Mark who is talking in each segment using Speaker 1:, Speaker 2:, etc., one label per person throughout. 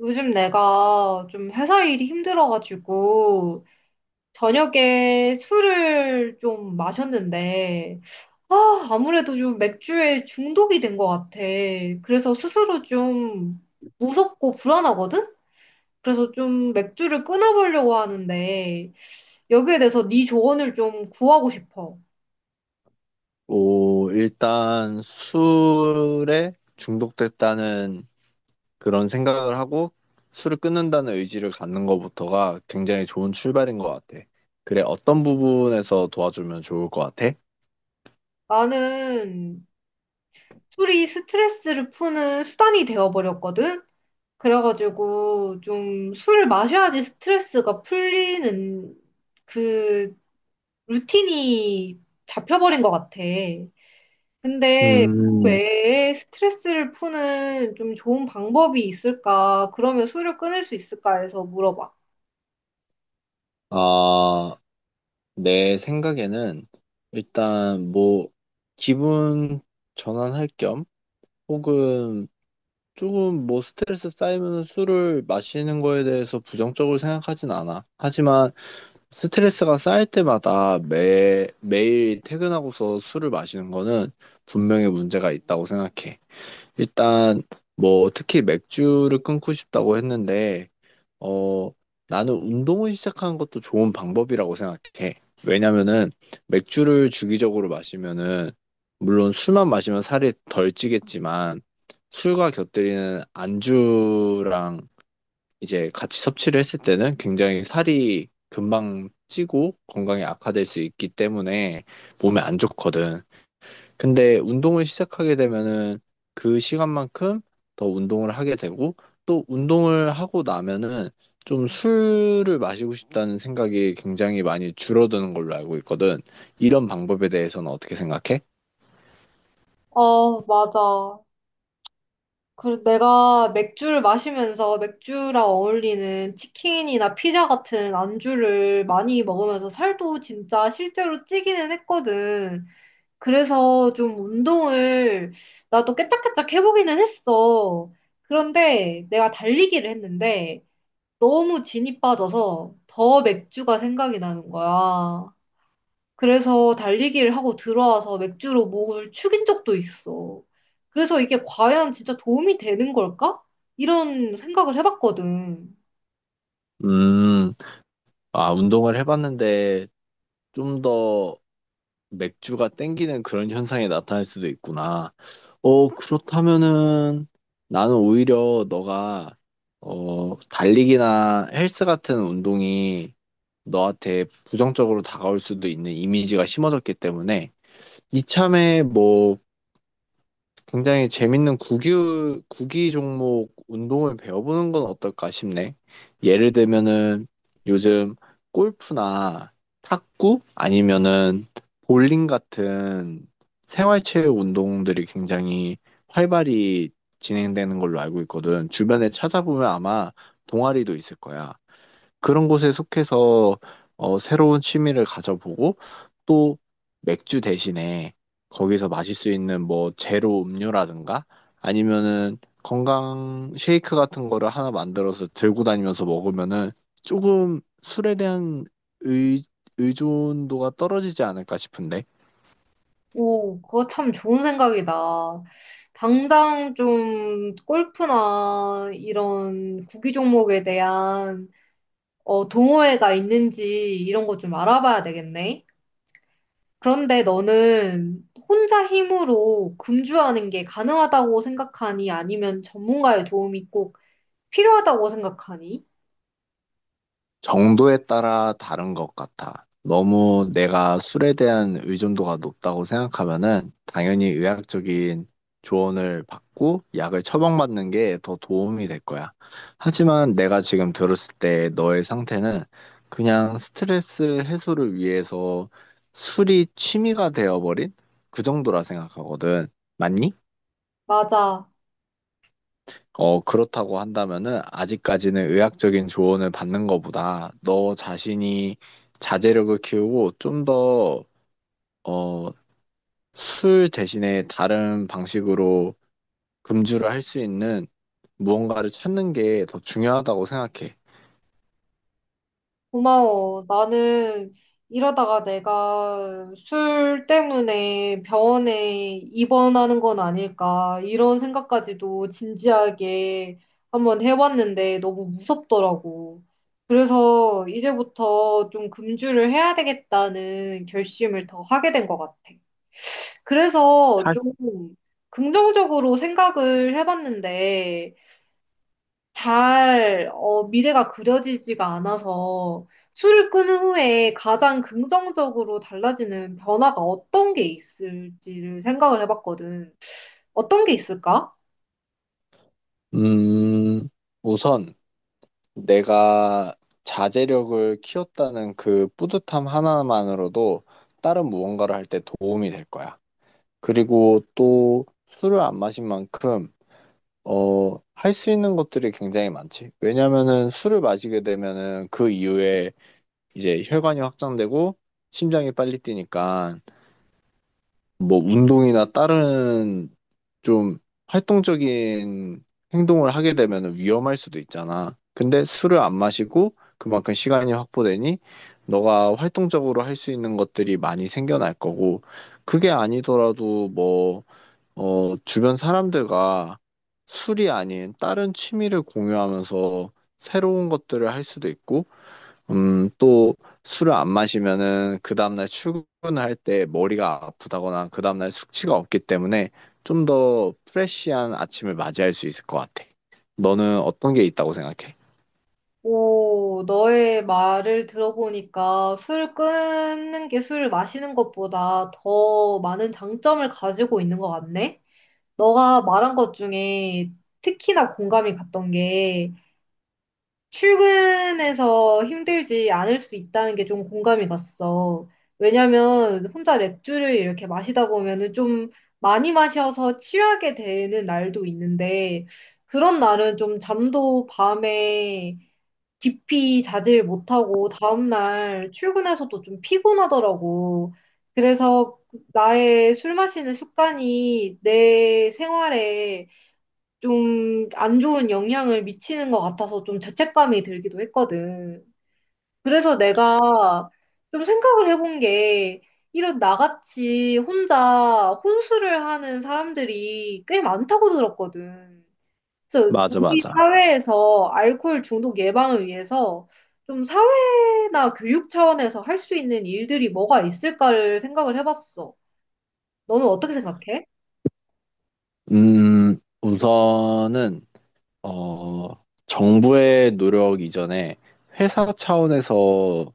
Speaker 1: 요즘 내가 좀 회사 일이 힘들어가지고 저녁에 술을 좀 마셨는데 아, 아무래도 좀 맥주에 중독이 된 것 같아. 그래서 스스로 좀 무섭고 불안하거든? 그래서 좀 맥주를 끊어보려고 하는데 여기에 대해서 네 조언을 좀 구하고 싶어.
Speaker 2: 오, 일단 술에 중독됐다는 그런 생각을 하고 술을 끊는다는 의지를 갖는 것부터가 굉장히 좋은 출발인 것 같아. 그래, 어떤 부분에서 도와주면 좋을 것 같아?
Speaker 1: 나는 술이 스트레스를 푸는 수단이 되어버렸거든? 그래가지고 좀 술을 마셔야지 스트레스가 풀리는 그 루틴이 잡혀버린 것 같아. 근데 그
Speaker 2: 음,
Speaker 1: 외에 스트레스를 푸는 좀 좋은 방법이 있을까? 그러면 술을 끊을 수 있을까 해서 물어봐.
Speaker 2: 아, 내 생각에는 일단 뭐 기분 전환할 겸 혹은 조금 뭐 스트레스 쌓이면 술을 마시는 거에 대해서 부정적으로 생각하진 않아. 하지만 스트레스가 쌓일 때마다 매일 퇴근하고서 술을 마시는 거는 분명히 문제가 있다고 생각해. 일단, 뭐, 특히 맥주를 끊고 싶다고 했는데, 어, 나는 운동을 시작하는 것도 좋은 방법이라고 생각해. 왜냐면은, 맥주를 주기적으로 마시면은, 물론 술만 마시면 살이 덜 찌겠지만, 술과 곁들이는 안주랑 이제 같이 섭취를 했을 때는 굉장히 살이 금방 찌고 건강에 악화될 수 있기 때문에 몸에 안 좋거든. 근데 운동을 시작하게 되면은 그 시간만큼 더 운동을 하게 되고 또 운동을 하고 나면은 좀 술을 마시고 싶다는 생각이 굉장히 많이 줄어드는 걸로 알고 있거든. 이런 방법에 대해서는 어떻게 생각해?
Speaker 1: 어, 맞아. 그 내가 맥주를 마시면서 맥주랑 어울리는 치킨이나 피자 같은 안주를 많이 먹으면서 살도 진짜 실제로 찌기는 했거든. 그래서 좀 운동을 나도 깨짝깨짝 해보기는 했어. 그런데 내가 달리기를 했는데 너무 진이 빠져서 더 맥주가 생각이 나는 거야. 그래서 달리기를 하고 들어와서 맥주로 목을 축인 적도 있어. 그래서 이게 과연 진짜 도움이 되는 걸까? 이런 생각을 해봤거든.
Speaker 2: 음, 운동을 해봤는데 좀더 맥주가 땡기는 그런 현상이 나타날 수도 있구나. 어, 그렇다면은 나는 오히려 너가 달리기나 헬스 같은 운동이 너한테 부정적으로 다가올 수도 있는 이미지가 심어졌기 때문에 이참에 뭐 굉장히 재밌는 구기 종목 운동을 배워보는 건 어떨까 싶네. 예를 들면은 요즘 골프나 탁구 아니면은 볼링 같은 생활체육 운동들이 굉장히 활발히 진행되는 걸로 알고 있거든. 주변에 찾아보면 아마 동아리도 있을 거야. 그런 곳에 속해서 어, 새로운 취미를 가져보고 또 맥주 대신에 거기서 마실 수 있는 뭐 제로 음료라든가 아니면은 건강 쉐이크 같은 거를 하나 만들어서 들고 다니면서 먹으면은 조금 술에 대한 의, 의존도가 떨어지지 않을까 싶은데.
Speaker 1: 오, 그거 참 좋은 생각이다. 당장 좀 골프나 이런 구기 종목에 대한 동호회가 있는지 이런 거 좀 알아봐야 되겠네. 그런데 너는 혼자 힘으로 금주하는 게 가능하다고 생각하니? 아니면 전문가의 도움이 꼭 필요하다고 생각하니?
Speaker 2: 정도에 따라 다른 것 같아. 너무 내가 술에 대한 의존도가 높다고 생각하면은 당연히 의학적인 조언을 받고 약을 처방받는 게 더 도움이 될 거야. 하지만 내가 지금 들었을 때 너의 상태는 그냥 스트레스 해소를 위해서 술이 취미가 되어버린 그 정도라 생각하거든. 맞니?
Speaker 1: 맞아.
Speaker 2: 어, 그렇다고 한다면은 아직까지는 의학적인 조언을 받는 것보다 너 자신이 자제력을 키우고 어, 술 대신에 다른 방식으로 금주를 할 수 있는 무언가를 찾는 게 더 중요하다고 생각해.
Speaker 1: 고마워. 나는 이러다가 내가 술 때문에 병원에 입원하는 건 아닐까. 이런 생각까지도 진지하게 한번 해봤는데 너무 무섭더라고. 그래서 이제부터 좀 금주를 해야 되겠다는 결심을 더 하게 된 것 같아. 그래서
Speaker 2: 사-
Speaker 1: 좀 긍정적으로 생각을 해봤는데, 미래가 그려지지가 않아서 술을 끊은 후에 가장 긍정적으로 달라지는 변화가 어떤 게 있을지를 생각을 해봤거든. 어떤 게 있을까?
Speaker 2: 음, 우선 내가 자제력을 키웠다는 그 뿌듯함 하나만으로도 다른 무언가를 할 때 도움이 될 거야. 그리고 또 술을 안 마신 만큼 어, 할 수 있는 것들이 굉장히 많지. 왜냐면은 술을 마시게 되면은 그 이후에 이제 혈관이 확장되고 심장이 빨리 뛰니까 뭐 운동이나 다른 좀 활동적인 행동을 하게 되면은 위험할 수도 있잖아. 근데 술을 안 마시고 그만큼 시간이 확보되니 너가 활동적으로 할 수 있는 것들이 많이 생겨날 거고 그게 아니더라도 주변 사람들과 술이 아닌 다른 취미를 공유하면서 새로운 것들을 할 수도 있고, 또 술을 안 마시면은 그 다음날 출근할 때 머리가 아프다거나 그 다음날 숙취가 없기 때문에 좀 더 프레쉬한 아침을 맞이할 수 있을 것 같아. 너는 어떤 게 있다고 생각해?
Speaker 1: 오, 너의 말을 들어보니까 술 끊는 게 술을 마시는 것보다 더 많은 장점을 가지고 있는 것 같네? 너가 말한 것 중에 특히나 공감이 갔던 게 출근해서 힘들지 않을 수 있다는 게 좀 공감이 갔어. 왜냐면 혼자 맥주를 이렇게 마시다 보면은 좀 많이 마셔서 취하게 되는 날도 있는데 그런 날은 좀 잠도 밤에 깊이 자질 못하고 다음날 출근해서도 좀 피곤하더라고. 그래서 나의 술 마시는 습관이 내 생활에 좀 안 좋은 영향을 미치는 것 같아서 좀 죄책감이 들기도 했거든. 그래서 내가 좀 생각을 해본 게 이런 나같이 혼자 혼술을 하는 사람들이 꽤 많다고 들었거든. 그래서
Speaker 2: 맞아,
Speaker 1: 우리
Speaker 2: 맞아.
Speaker 1: 사회에서 알코올 중독 예방을 위해서 좀 사회나 교육 차원에서 할 수 있는 일들이 뭐가 있을까를 생각을 해봤어. 너는 어떻게 생각해?
Speaker 2: 우선은, 정부의 노력 이전에 회사 차원에서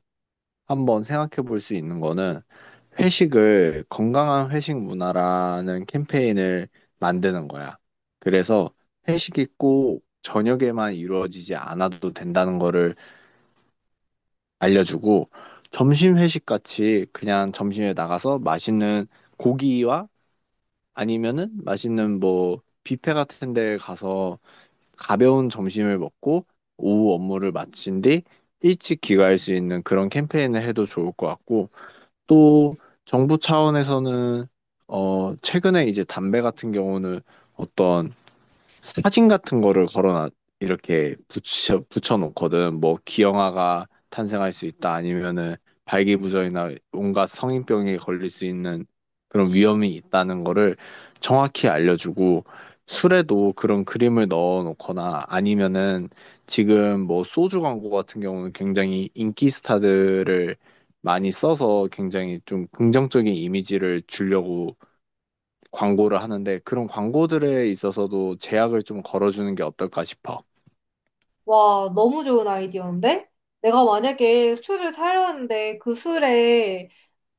Speaker 2: 한번 생각해 볼 수 있는 거는 회식을 건강한 회식 문화라는 캠페인을 만드는 거야. 그래서 회식이 꼭 저녁에만 이루어지지 않아도 된다는 거를 알려주고 점심 회식 같이 그냥 점심에 나가서 맛있는 고기와 아니면은 맛있는 뭐 뷔페 같은 데 가서 가벼운 점심을 먹고 오후 업무를 마친 뒤 일찍 귀가할 수 있는 그런 캠페인을 해도 좋을 것 같고 또 정부 차원에서는 어 최근에 이제 담배 같은 경우는 어떤 사진 같은 거를 걸어놔 이렇게 붙여놓거든. 뭐 기형아가 탄생할 수 있다 아니면은 발기부전이나 온갖 성인병에 걸릴 수 있는 그런 위험이 있다는 거를 정확히 알려주고 술에도 그런 그림을 넣어놓거나 아니면은 지금 뭐 소주 광고 같은 경우는 굉장히 인기 스타들을 많이 써서 굉장히 좀 긍정적인 이미지를 주려고 광고를 하는데 그런 광고들에 있어서도 제약을 좀 걸어주는 게 어떨까 싶어.
Speaker 1: 와, 너무 좋은 아이디어인데? 내가 만약에 술을 사려는데 그 술에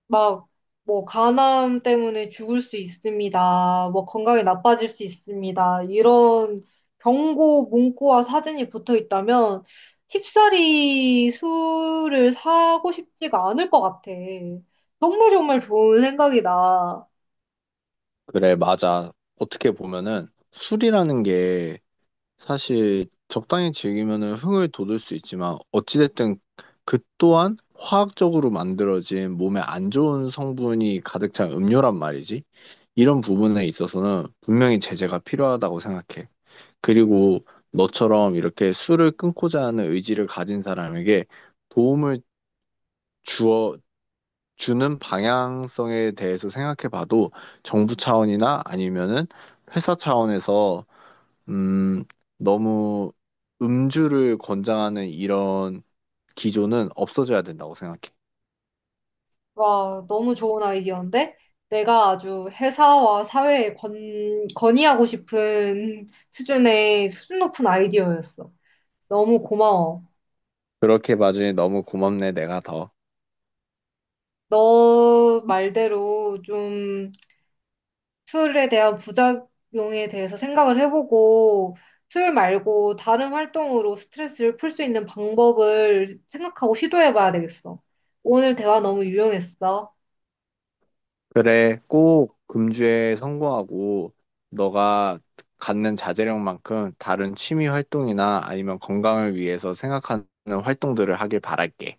Speaker 1: 막 뭐 간암 때문에 죽을 수 있습니다. 뭐 건강이 나빠질 수 있습니다. 이런 경고 문구와 사진이 붙어 있다면 쉽사리 술을 사고 싶지가 않을 것 같아. 정말 정말 좋은 생각이다.
Speaker 2: 그래, 맞아. 어떻게 보면은 술이라는 게 사실 적당히 즐기면은 흥을 돋을 수 있지만 어찌됐든 그 또한 화학적으로 만들어진 몸에 안 좋은 성분이 가득 찬 음료란 말이지. 이런 부분에 있어서는 분명히 제재가 필요하다고 생각해. 그리고 너처럼 이렇게 술을 끊고자 하는 의지를 가진 사람에게 도움을 주어 주는 방향성에 대해서 생각해 봐도 정부 차원이나 아니면은 회사 차원에서 음, 너무 음주를 권장하는 이런 기조는 없어져야 된다고 생각해.
Speaker 1: 와, 너무 좋은 아이디어인데? 내가 아주 회사와 사회에 건, 건의하고 싶은 수준의, 수준 높은 아이디어였어. 너무 고마워.
Speaker 2: 그렇게 봐주니 너무 고맙네, 내가 더.
Speaker 1: 너 말대로 좀 술에 대한 부작용에 대해서 생각을 해보고, 술 말고 다른 활동으로 스트레스를 풀 수 있는 방법을 생각하고 시도해봐야 되겠어. 오늘 대화 너무 유용했어.
Speaker 2: 그래, 꼭 금주에 성공하고 너가 갖는 자제력만큼 다른 취미 활동이나 아니면 건강을 위해서 생각하는 활동들을 하길 바랄게.